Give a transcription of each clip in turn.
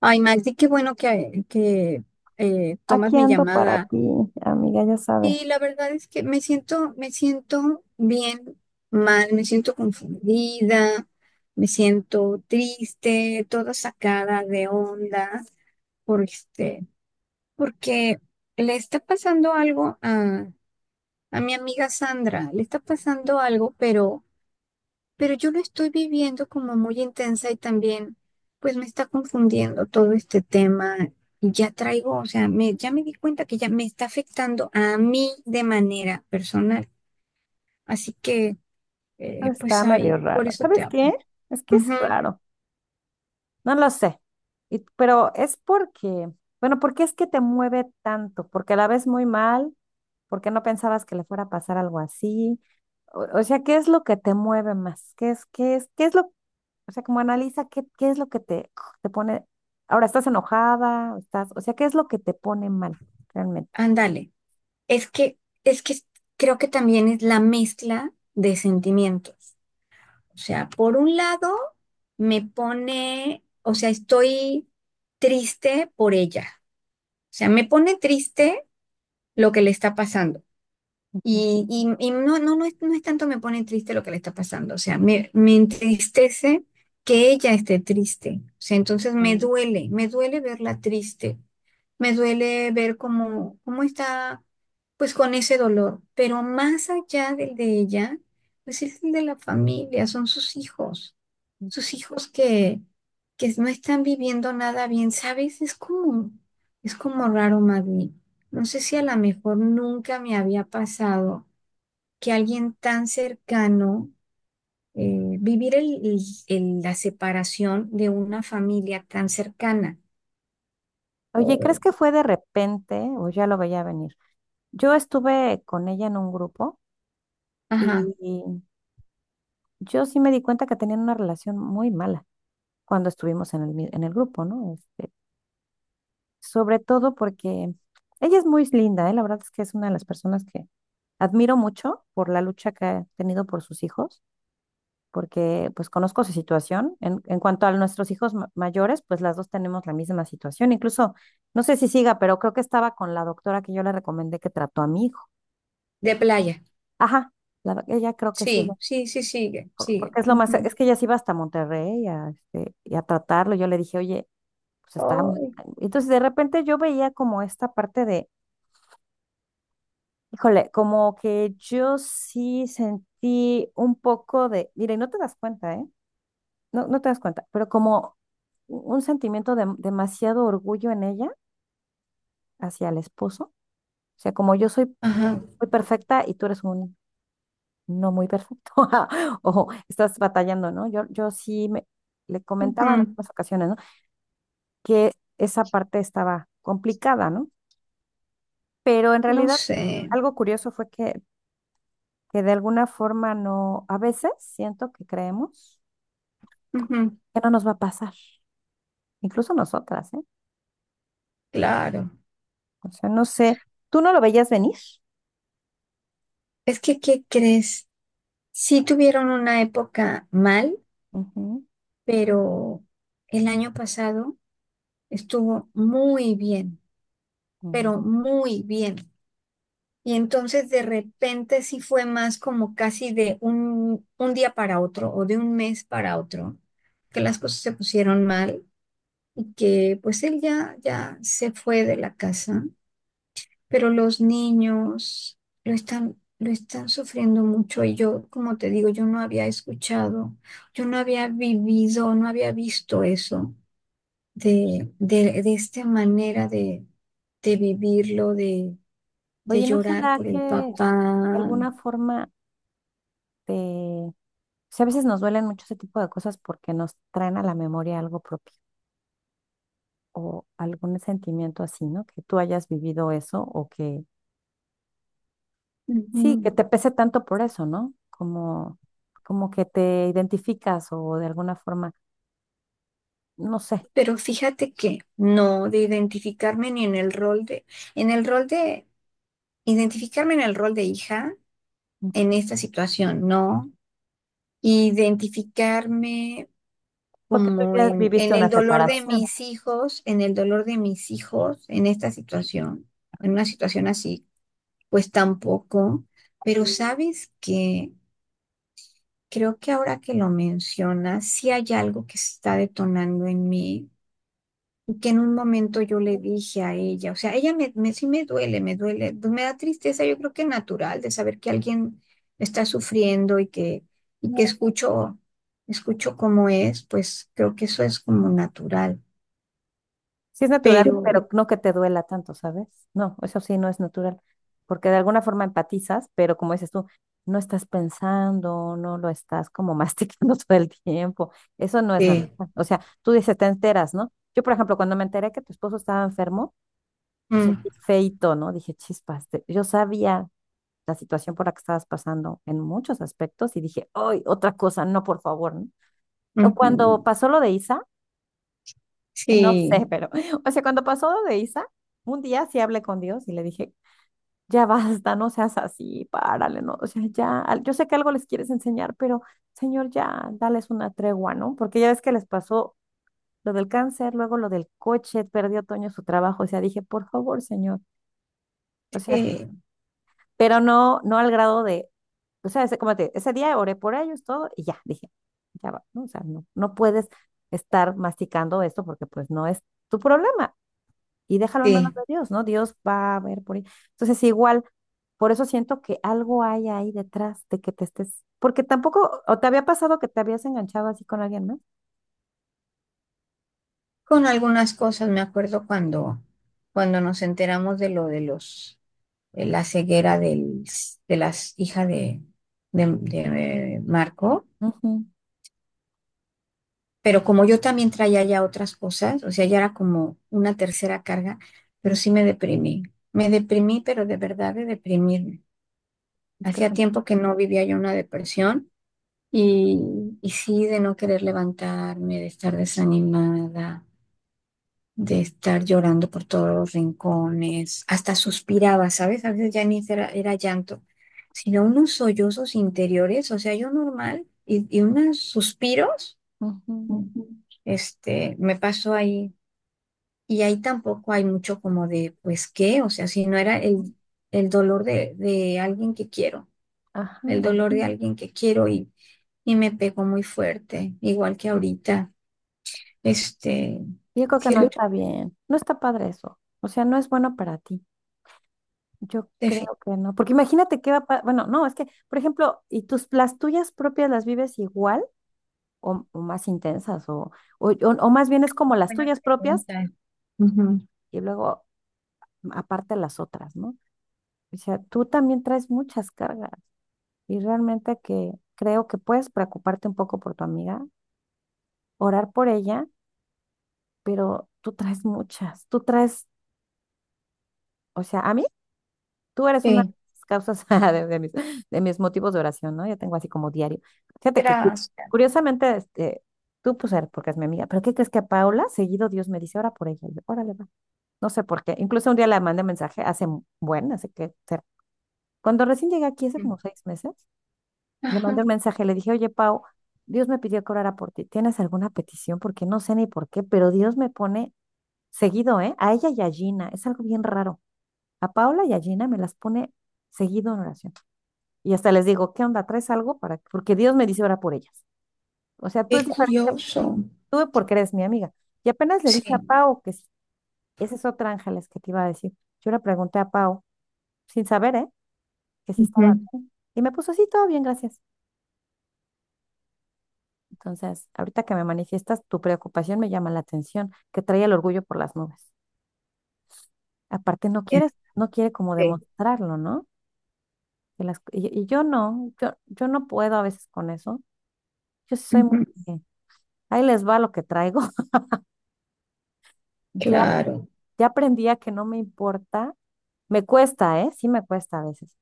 Ay, Maxi, qué bueno que tomas Aquí mi ando para llamada. ti, amiga, ya sabes. Y la verdad es que me siento bien mal, me siento confundida, me siento triste, toda sacada de onda, por este, porque le está pasando algo a mi amiga Sandra. Le está pasando algo, pero yo lo estoy viviendo como muy intensa y también pues me está confundiendo todo este tema. Y ya traigo, o sea, ya me di cuenta que ya me está afectando a mí de manera personal. Así que, pues Está ahí, medio por raro. eso te ¿Sabes hablo. qué? Es que Ujú. es raro. No lo sé. Pero es porque, bueno, ¿por qué es que te mueve tanto? ¿Porque la ves muy mal? ¿Porque no pensabas que le fuera a pasar algo así? O sea, ¿qué es lo que te mueve más? O sea, como analiza qué es lo que te pone, ahora estás enojada, estás, o sea, ¿qué es lo que te pone mal realmente? Ándale. Es que, es que creo que también es la mezcla de sentimientos. O sea, por un lado, me pone, o sea, estoy triste por ella. O sea, me pone triste lo que le está pasando. Ujú. Y no es tanto me pone triste lo que le está pasando. O sea, me entristece que ella esté triste. O sea, entonces me duele verla triste. Me duele ver cómo está, pues con ese dolor. Pero más allá del de ella, pues es el de la familia, son sus hijos Mm. sus hijos que no están viviendo nada bien, ¿sabes? Es como raro, Magdi. No sé, si a lo mejor nunca me había pasado que alguien tan cercano, vivir la separación de una familia tan cercana. Oye, ¿crees que Ay. fue de repente o ya lo veía venir? Yo estuve con ella en un grupo Ajá, y yo sí me di cuenta que tenían una relación muy mala cuando estuvimos en el, en el grupo, ¿no? Este, sobre todo porque ella es muy linda, ¿eh? La verdad es que es una de las personas que admiro mucho por la lucha que ha tenido por sus hijos, porque pues conozco su situación. En cuanto a nuestros hijos mayores, pues las dos tenemos la misma situación. Incluso, no sé si siga, pero creo que estaba con la doctora que yo le recomendé que trató a mi hijo. de playa. Ajá, la ella creo que sigue, Sí, sí, sí, sigue, sigue. porque es lo más, Ujú. es que ella se iba hasta Monterrey a, este, y a tratarlo. Yo le dije, oye, pues estaba muy... Ay. Entonces de repente yo veía como esta parte de... Híjole, como que yo sí sentí un poco de, mire, no te das cuenta, ¿eh? No, no te das cuenta, pero como un sentimiento de demasiado orgullo en ella hacia el esposo. O sea, como yo soy Ajá, muy perfecta y tú eres un no muy perfecto, o estás batallando, ¿no? Yo sí me, le comentaba en ujú. algunas ocasiones, ¿no? Que esa parte estaba complicada, ¿no? Pero en No realidad sé. algo curioso fue que de alguna forma no, a veces siento que creemos Ujú. que no nos va a pasar, incluso nosotras, ¿eh? Claro. O sea, no sé, ¿tú no lo veías venir? Es que, ¿qué crees? Sí tuvieron una época mal, Ujú, pero el año pasado estuvo muy bien, ujú. pero muy bien. Y entonces de repente sí fue más como casi de un día para otro, o de un mes para otro, que las cosas se pusieron mal y que pues él ya se fue de la casa. Pero los niños lo están sufriendo mucho, y yo, como te digo, yo no había escuchado, yo no había vivido, no había visto eso, de esta manera, de vivirlo, de Oye, ¿no Sí. llorar será por que el de papá. alguna forma te... o sea, a veces nos duelen mucho ese tipo de cosas porque nos traen a la memoria algo propio o algún sentimiento así, ¿no? Que tú hayas vivido eso o que sí, que te pese tanto por eso, ¿no? Como, como que te identificas o de alguna forma, no sé, Pero fíjate que no, de identificarme ni en el rol de, en el rol de, identificarme en el rol de hija en esta situación, no. Identificarme porque tú como ya en, viviste en una el dolor de separación. mis hijos, en esta situación, en una situación así, pues tampoco. Pero sabes que creo que ahora que lo mencionas, sí hay algo que se está detonando en mí, y que en un momento yo le dije a ella, o sea, ella sí me duele, me da tristeza. Yo creo que natural, de saber que alguien está sufriendo, que escucho cómo es. Pues creo que eso es como natural. Sí es natural, Pero pero no que te duela tanto, ¿sabes? No, eso sí no es natural, porque de alguna forma empatizas, pero como dices tú, no estás pensando, no lo estás como masticando todo el tiempo. Eso no es sí, natural. O sea, tú dices, te enteras, ¿no? Yo, por ejemplo, cuando me enteré que tu esposo estaba enfermo, pues mm, sentí feito, ¿no? Dije, chispas, yo sabía la situación por la que estabas pasando en muchos aspectos y dije, ¡ay, otra cosa! No, por favor, ¿no? O ujú, cuando pasó lo de Isa. No sí, sé, pero, o sea, cuando pasó lo de Isa, un día sí hablé con Dios y le dije, ya basta, no seas así, párale, no, o sea, ya, yo sé que algo les quieres enseñar, pero Señor, ya, dales una tregua, ¿no? Porque ya ves que les pasó lo del cáncer, luego lo del coche, perdió Toño su trabajo, o sea, dije, por favor, Señor, o sea, sí, pero no, no al grado de, o sea, ese, ese día oré por ellos, todo, y ya, dije, ya va, ¿no? O sea, no, no puedes estar masticando esto porque pues no es tu problema. Y déjalo en manos sí. de Dios, ¿no? Dios va a ver por ahí. Entonces, igual, por eso siento que algo hay ahí detrás de que te estés, porque tampoco, o te había pasado que te habías enganchado así con alguien, ¿no? Con algunas cosas me acuerdo cuando, nos enteramos de de la ceguera de las hijas de Marco. Ujú, Pero como yo también traía ya otras cosas, o sea, ya era como una tercera carga, pero ujú. sí me deprimí. Me deprimí, pero de verdad, de deprimirme. Es que Hacía son... tiempo que no vivía yo una depresión. Y, y sí, de no querer levantarme, de estar desanimada, de estar llorando por todos los rincones, hasta suspiraba, ¿sabes? A veces ya ni era llanto, sino unos sollozos interiores. O sea, yo normal, y unos suspiros. ujú, Me pasó ahí. Y ahí tampoco hay mucho como de, pues, ¿qué? O sea, si no era ujú, el dolor de alguien que quiero, el ajá. dolor de alguien que quiero, y me pegó muy fuerte, igual que ahorita. Este, Yo creo que sí. Qué no lucha. está bien, no está padre eso, o sea, no es bueno para ti. Yo creo que no, porque imagínate qué va, bueno, no, es que, por ejemplo, y tus, las tuyas propias las vives igual o más intensas , o o más bien es como las Buena tuyas propias pregunta. Ujú. y luego aparte de las otras, ¿no? O sea, tú también traes muchas cargas y realmente que creo que puedes preocuparte un poco por tu amiga, orar por ella, pero tú traes muchas, tú traes, o sea, a mí, tú eres una de Sí, las causas de mis motivos de oración, ¿no? Yo tengo así como diario. Fíjate que gracias. curiosamente, este, tú pues eres porque es mi amiga, pero ¿qué crees que a Paula seguido Dios me dice, ora por ella? Y yo, órale, va. No sé por qué. Incluso un día le mandé mensaje hace, bueno, hace que, cuando recién llegué aquí hace como 6 meses, le Ajá, mandé un mensaje, le dije, oye, Pau, Dios me pidió que orara por ti. ¿Tienes alguna petición? Porque no sé ni por qué, pero Dios me pone seguido, ¿eh? A ella y a Gina. Es algo bien raro. A Paula y a Gina me las pone seguido en oración. Y hasta les digo, ¿qué onda? ¿Traes algo? Para... porque Dios me dice orar por ellas. O sea, tú qué es diferente, curioso. tú porque eres mi amiga. Y apenas le dije a Sí. Pau, que esa es otra Ángeles que te iba a decir. Yo le pregunté a Pau, sin saber, ¿eh? Que si estaba Ujú. bien. Y me puso, sí, todo bien, gracias. Entonces, ahorita que me manifiestas tu preocupación me llama la atención, que trae el orgullo por las nubes. Aparte, no quiere como Este, demostrarlo, ¿no? Y yo no, yo no puedo a veces con eso. Yo sí soy muy, ujú. de, ahí les va lo que traigo. Ya, Claro, ya aprendí a que no me importa. Me cuesta, ¿eh? Sí me cuesta a veces.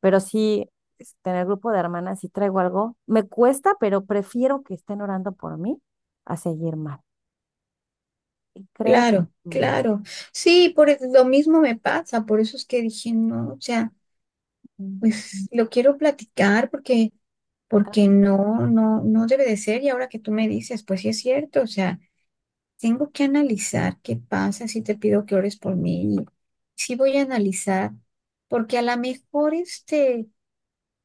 Pero sí, este, en el grupo de hermanas, si traigo algo, me cuesta, pero prefiero que estén orando por mí a seguir mal. Y creo, claro, mm, claro. Sí, lo mismo me pasa, por eso es que dije, no, o sea, mm, pues lo quiero platicar porque no debe de ser. Y ahora que tú me dices, pues sí es cierto, o sea. Tengo que analizar qué pasa si te pido que ores por mí. Sí voy a analizar, porque a lo mejor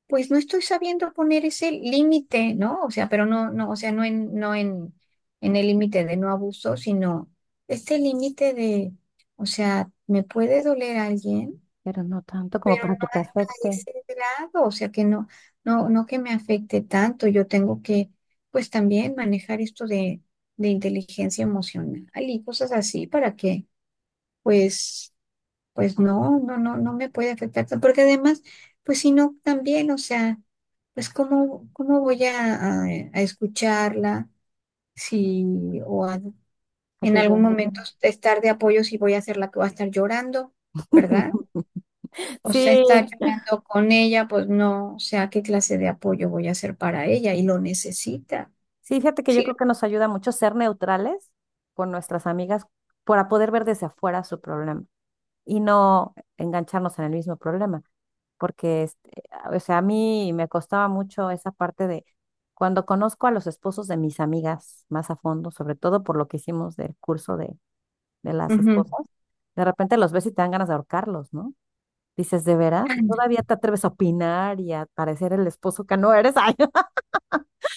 pues no estoy sabiendo poner ese límite, ¿no? O sea, pero no, o sea, no en, no en, en el límite de no abuso, sino este límite de, o sea, ¿me puede doler alguien? pero no tanto como Pero no para que te hasta afecte. ese grado. O sea que no que me afecte tanto. Yo tengo que, pues, también manejar esto de inteligencia emocional y cosas así para que, pues, pues no me puede afectar tanto, porque además, pues si no, también, o sea, pues cómo voy a escucharla si, o en Ayuda. algún momento estar de apoyo, si voy a ser la que va a estar llorando, ¿verdad? O sea, Sí, estar llorando con ella, pues no, o sea, ¿qué clase de apoyo voy a hacer para ella? Y lo necesita. sí, fíjate que yo Sí. creo que nos ayuda mucho ser neutrales con nuestras amigas para poder ver desde afuera su problema y no engancharnos en el mismo problema, porque, este, o sea, a mí me costaba mucho esa parte de cuando conozco a los esposos de mis amigas más a fondo, sobre todo por lo que hicimos del curso de las Ujú. esposas, de repente los ves y te dan ganas de ahorcarlos, ¿no? Dices, ¿de veras? Y todavía te atreves a opinar y a parecer el esposo que no eres. Ay,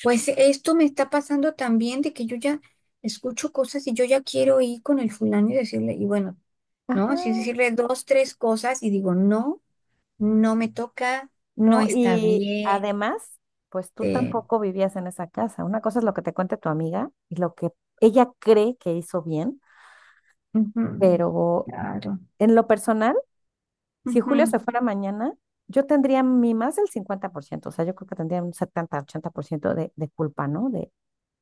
Pues esto me está pasando también, de que yo ya escucho cosas y yo ya quiero ir con el fulano y decirle, y bueno, ¿no? Así ajá, decirle dos, tres cosas, y digo, no, no me toca, no no, está y bien. además, pues tú eh, tampoco vivías en esa casa. Una cosa es lo que te cuente tu amiga y lo que ella cree que hizo bien, Ujú. pero Claro. en lo personal, si Julio se fuera mañana, yo tendría mi más del 50%, o sea, yo creo que tendría un 70 u 80% de culpa, ¿no? De,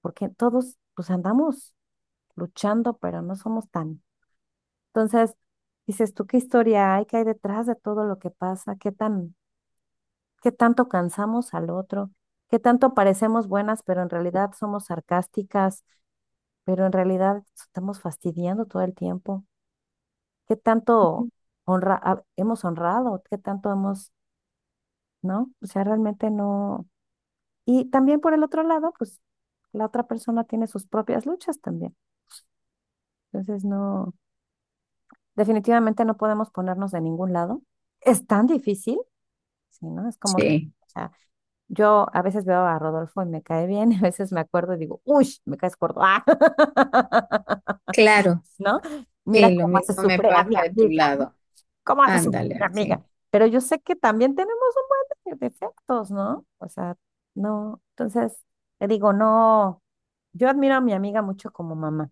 porque todos pues andamos luchando, pero no somos tan... Entonces, dices tú, ¿qué historia hay? ¿Qué hay detrás de todo lo que pasa? ¿Qué tan, qué tanto cansamos al otro? ¿Qué tanto parecemos buenas, pero en realidad somos sarcásticas, pero en realidad estamos fastidiando todo el tiempo? ¿Qué tanto Ujú. honra ah, hemos honrado? ¿Qué tanto hemos, no? O sea, realmente no. Y también por el otro lado, pues la otra persona tiene sus propias luchas también. Entonces, no, definitivamente no podemos ponernos de ningún lado. Es tan difícil. Sí, ¿no? Es como, o Sí, sea, yo a veces veo a Rodolfo y me cae bien, y a veces me acuerdo y digo, uy, me caes gordo, ah". claro. ¿No? Mira Sí, lo cómo mismo hace me sufrir a mi pasa de tu amiga, ¿no? lado. ¿Cómo hace sufrir Ándale, a mi así. amiga? Pero yo sé que también tenemos un buen de defectos, ¿no? O sea, no, entonces te digo, no, yo admiro a mi amiga mucho como mamá,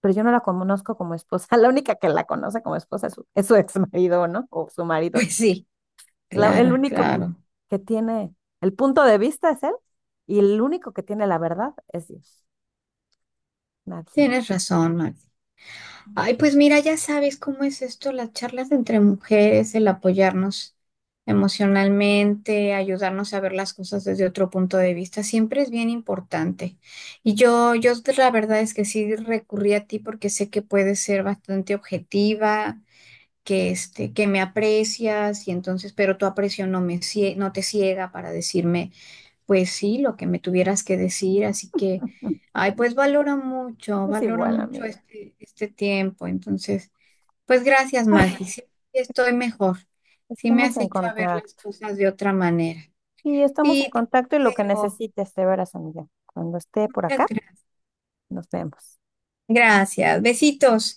pero yo no la conozco como esposa, la única que la conoce como esposa es su ex marido, ¿no? O su marido Pues sí, el claro, único claro. que tiene el punto de vista es él y el único que tiene la verdad es Dios, nadie más. Tienes razón, Max. Ay, pues mira, ya sabes cómo es esto, las charlas entre mujeres, el apoyarnos emocionalmente, ayudarnos a ver las cosas desde otro punto de vista, siempre es bien importante. Y yo, la verdad es que sí recurrí a ti porque sé que puedes ser bastante objetiva, que me aprecias, y entonces, pero tu aprecio no me, no te ciega para decirme, pues sí, lo que me tuvieras que decir. Así que, ay, pues Es valoro igual, mucho amiga. este tiempo. Entonces, pues gracias, Magdi. Ay, Sí, estoy mejor. Sí, me estamos has en hecho a ver las contacto. cosas de otra manera. Y estamos en Sí, te contacto y lo que quiero. necesites, de veras, amiga. Cuando esté por Muchas acá, nos vemos. gracias. Besitos.